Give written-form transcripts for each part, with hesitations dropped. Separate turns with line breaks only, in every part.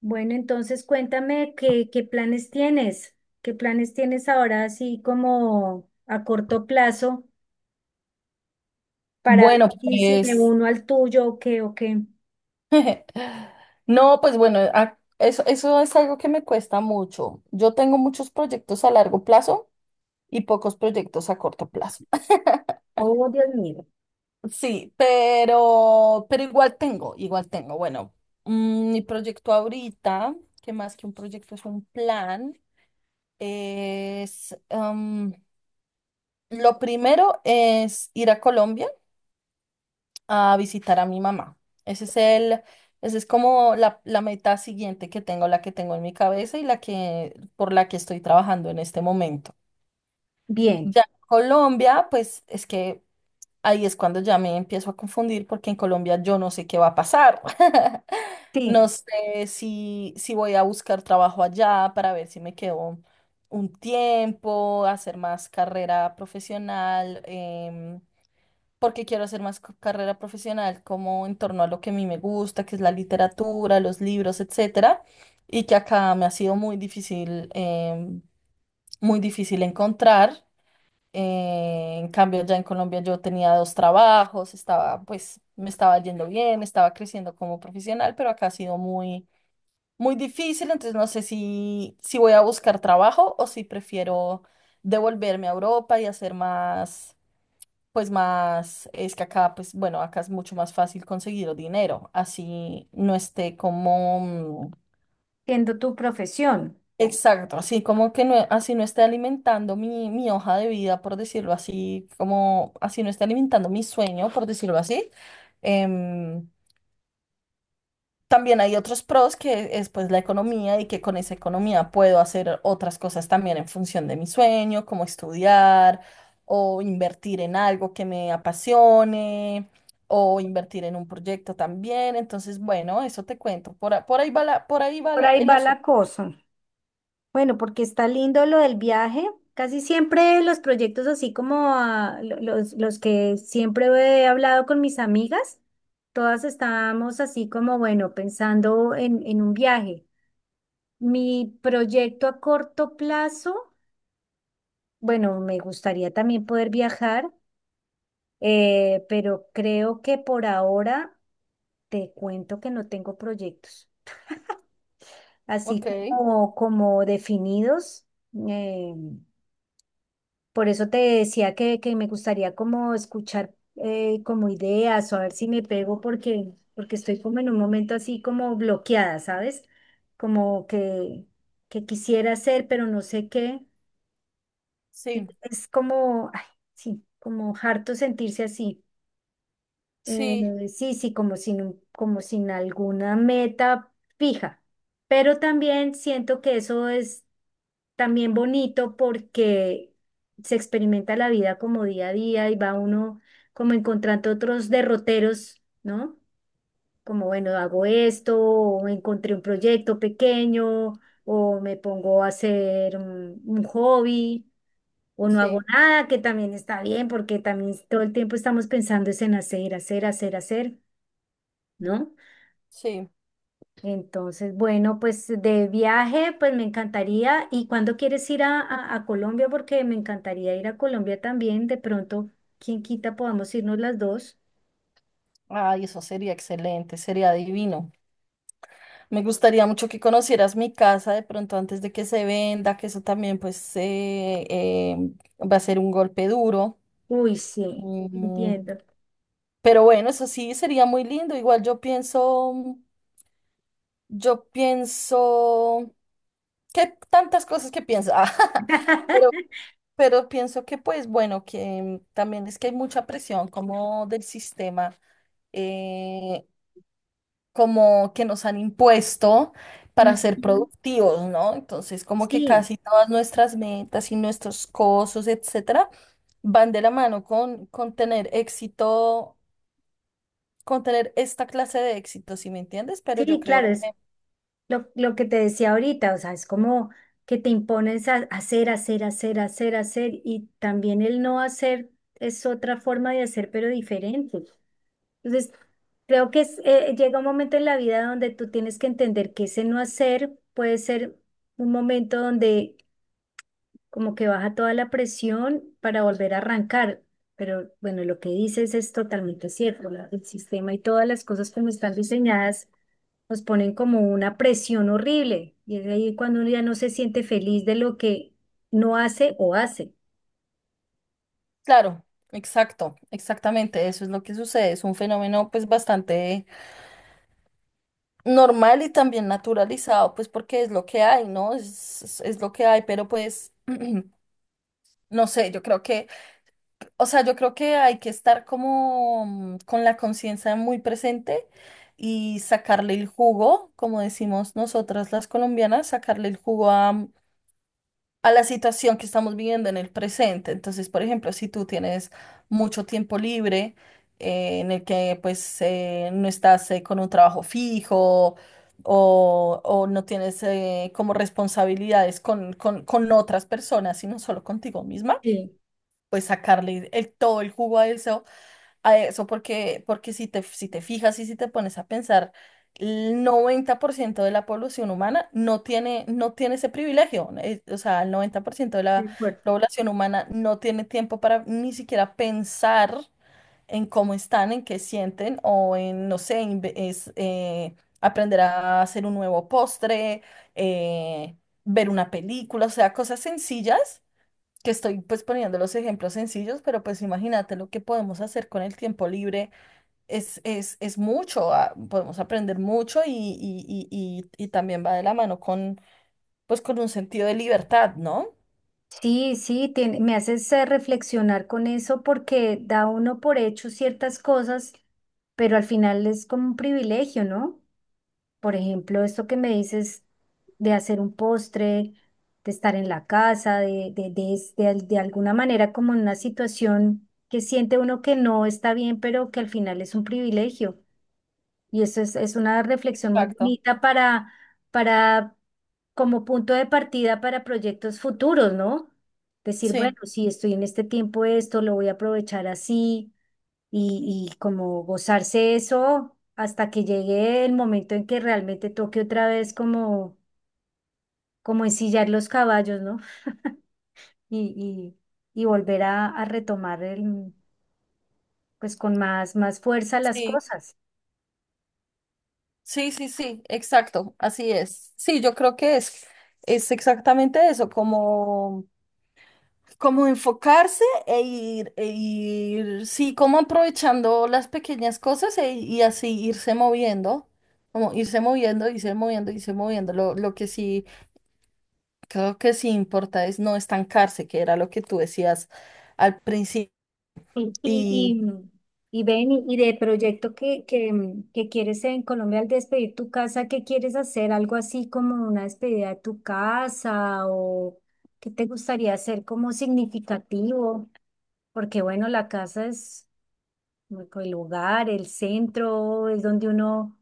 Bueno, entonces cuéntame qué planes tienes, qué planes tienes ahora así como a corto plazo para ver
Bueno,
si me
pues
uno al tuyo o qué o qué.
no, pues bueno, eso, eso es algo que me cuesta mucho. Yo tengo muchos proyectos a largo plazo y pocos proyectos a corto plazo.
Oh, Dios mío.
Sí, pero igual tengo, igual tengo. Bueno, mi proyecto ahorita, que más que un proyecto es un plan, es, am, lo primero es ir a Colombia, a visitar a mi mamá. Ese es el, ese es como la meta siguiente que tengo, la que tengo en mi cabeza y por la que estoy trabajando en este momento.
Bien,
Ya en Colombia, pues es que ahí es cuando ya me empiezo a confundir porque en Colombia yo no sé qué va a pasar.
sí,
No sé si voy a buscar trabajo allá para ver si me quedo un tiempo, hacer más carrera profesional. Porque quiero hacer más carrera profesional como en torno a lo que a mí me gusta, que es la literatura, los libros, etcétera, y que acá me ha sido muy difícil, muy difícil encontrar. En cambio, ya en Colombia yo tenía 2 trabajos, estaba, pues, me estaba yendo bien, estaba creciendo como profesional, pero acá ha sido muy, muy difícil, entonces no sé si voy a buscar trabajo o si prefiero devolverme a Europa y hacer más. Pues más, es que acá, pues bueno, acá es mucho más fácil conseguir dinero, así no esté como, mm,
siendo tu profesión.
exacto, así como que no, así no esté alimentando mi hoja de vida, por decirlo así, como así no esté alimentando mi sueño, por decirlo así. em, También hay otros pros que es pues la economía y que con esa economía puedo hacer otras cosas también en función de mi sueño, como estudiar o invertir en algo que me apasione o invertir en un proyecto también. Entonces, bueno, eso te cuento. Por ahí por ahí
Por ahí
el
va
asunto.
la cosa. Bueno, porque está lindo lo del viaje. Casi siempre los proyectos así como ah, los que siempre he hablado con mis amigas, todas estábamos así como, bueno, pensando en un viaje. Mi proyecto a corto plazo, bueno, me gustaría también poder viajar, pero creo que por ahora te cuento que no tengo proyectos
Ok,
así como, como definidos. eh, por eso te decía que me gustaría como escuchar como ideas o a ver si me pego porque estoy como en un momento así como bloqueada, ¿sabes? Como que quisiera hacer, pero no sé qué. Y
sí,
es como, ay, sí, como harto sentirse así. Eh,
sí,
sí, sí, como sin, como sin alguna meta fija. Pero también siento que eso es también bonito porque se experimenta la vida como día a día y va uno como encontrando otros derroteros, ¿no? Como, bueno, hago esto, o encontré un proyecto pequeño, o me pongo a hacer un hobby o no hago
sí,
nada, que también está bien, porque también todo el tiempo estamos pensando es en hacer, hacer, hacer, hacer, ¿no?
sí.
Entonces, bueno, pues de viaje, pues me encantaría. ¿Y cuándo quieres ir a Colombia? Porque me encantaría ir a Colombia también. De pronto, quién quita, podamos irnos las dos.
Ay, eso sería excelente, sería divino. Me gustaría mucho que conocieras mi casa de pronto antes de que se venda, que eso también pues va a ser un golpe duro.
Uy, sí,
Mm,
entiendo.
pero bueno, eso sí sería muy lindo. Igual yo pienso que tantas cosas que pienso, Ah, pero, pero pienso que pues bueno, que también es que hay mucha presión como del sistema. eh, Como que nos han impuesto para
Ujú.
ser productivos, ¿no? Entonces, como que
Sí,
casi todas nuestras metas y nuestros cosos, etcétera, van de la mano con tener éxito, con tener esta clase de éxito, ¿si me entiendes? Pero yo
sí,
creo
claro, es.
que,
Lo que te decía ahorita, o sea, es como que te impones a hacer, hacer, hacer, hacer, hacer, y también el no hacer es otra forma de hacer, pero diferente. Entonces, creo que es, llega un momento en la vida donde tú tienes que entender que ese no hacer puede ser un momento donde como que baja toda la presión para volver a arrancar. Pero bueno, lo que dices es totalmente cierto, el sistema y todas las cosas como están diseñadas nos ponen como una presión horrible y es ahí cuando uno ya no se siente feliz de lo que no hace o hace.
claro, exacto, exactamente, eso es lo que sucede, es un fenómeno pues bastante normal y también naturalizado, pues porque es lo que hay, ¿no? Es, es lo que hay, pero pues, no sé, yo creo que o sea, yo creo que hay que estar como con la conciencia muy presente y sacarle el jugo, como decimos nosotras las colombianas, sacarle el jugo a, a la situación que estamos viviendo en el presente. Entonces, por ejemplo, si tú tienes mucho tiempo libre en el que pues no estás con un trabajo fijo o no tienes como responsabilidades con otras personas, sino solo contigo misma,
Sí,
pues sacarle el, todo el jugo a eso porque, porque si te fijas y si te pones a pensar, el 90% de la población humana no tiene, no tiene ese privilegio. O sea, el 90% de la
de acuerdo.
población humana no tiene tiempo para ni siquiera pensar en cómo están, en qué sienten o en, no sé, aprender a hacer un nuevo postre, eh, ver una película, o sea, cosas sencillas que estoy pues poniendo los ejemplos sencillos, pero pues imagínate lo que podemos hacer con el tiempo libre es, es mucho, ah, podemos aprender mucho y también va de la mano con pues con un sentido de libertad, ¿no?
Sí, sí, me haces reflexionar con eso porque da uno por hecho ciertas cosas, pero al final es como un privilegio, ¿no? Por ejemplo, esto que me dices de hacer un postre, de estar en la casa, de, es- de al- de alguna manera como en una situación que siente uno que no está bien, pero que al final es un privilegio. Y eso es una reflexión muy
Exacto.
bonita para, como punto de partida para proyectos futuros, ¿no? Decir, bueno,
Sí,
si estoy en este tiempo esto, lo voy a aprovechar así y como gozarse eso hasta que llegue el momento en que realmente toque otra vez como, como ensillar los caballos, ¿no? Y, y volver a retomar el, pues con más, más fuerza las
sí,
cosas.
sí, sí, sí, exacto, así es. Sí, yo creo que es exactamente eso, como... como enfocarse e ir, sí, como aprovechando las pequeñas cosas y así irse moviendo, como irse moviendo, irse moviendo, irse moviendo. Lo que sí, creo que sí importa es no estancarse, que era lo que tú decías al principio.
Y,
Y
y, y ven, y de proyecto que quieres en Colombia al despedir tu casa, ¿qué quieres hacer? ¿Algo así como una despedida de tu casa o qué te gustaría hacer como significativo? Porque bueno, la casa es como el lugar, el centro, es donde uno,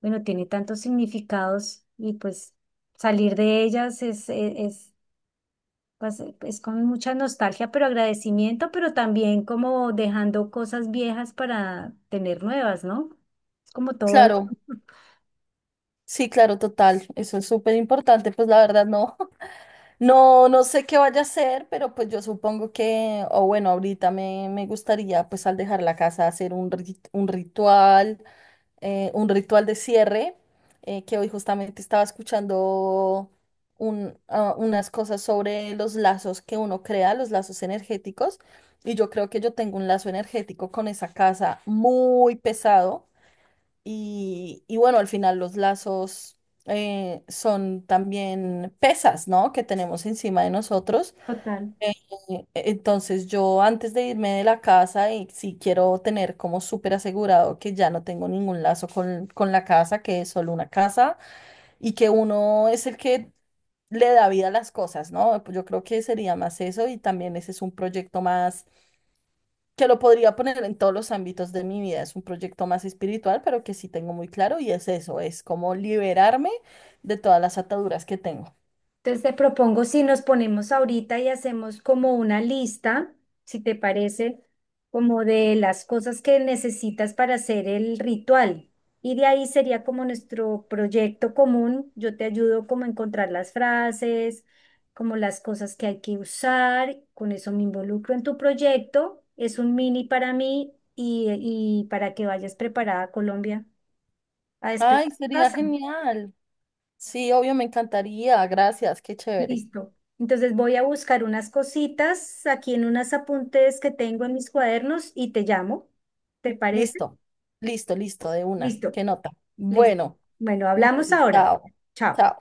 bueno, tiene tantos significados y pues salir de ellas es pues es con mucha nostalgia, pero agradecimiento, pero también como dejando cosas viejas para tener nuevas, ¿no? Es como todo es.
claro, sí, claro, total, eso es súper importante, pues la verdad no, no, no sé qué vaya a hacer, pero pues yo supongo que, o bueno, ahorita me gustaría pues al dejar la casa hacer un, un ritual de cierre, que hoy justamente estaba escuchando unas cosas sobre los lazos que uno crea, los lazos energéticos, y yo creo que yo tengo un lazo energético con esa casa muy pesado, y bueno, al final los lazos son también pesas, ¿no? Que tenemos encima de nosotros.
Total.
Eh, Entonces yo antes de irme de la casa y si quiero tener como súper asegurado que ya no tengo ningún lazo con la casa, que es solo una casa y que uno es el que le da vida a las cosas, ¿no? Pues yo creo que sería más eso y también ese es un proyecto más que lo podría poner en todos los ámbitos de mi vida, es un proyecto más espiritual, pero que sí tengo muy claro y es eso, es como liberarme de todas las ataduras que tengo.
Entonces te propongo si nos ponemos ahorita y hacemos como una lista, si te parece, como de las cosas que necesitas para hacer el ritual. Y de ahí sería como nuestro proyecto común. Yo te ayudo como a encontrar las frases, como las cosas que hay que usar. Con eso me involucro en tu proyecto. Es un mini para mí y para que vayas preparada a Colombia a despedir tu
Ay, sería
casa.
genial. Sí, obvio, me encantaría. Gracias, qué chévere.
Listo. Entonces voy a buscar unas cositas aquí en unos apuntes que tengo en mis cuadernos y te llamo. ¿Te parece?
Listo, listo, listo, de una.
Listo,
Qué nota.
listo.
Bueno,
Bueno,
un
hablamos
beso.
ahora.
Chao.
Chao.
Chao.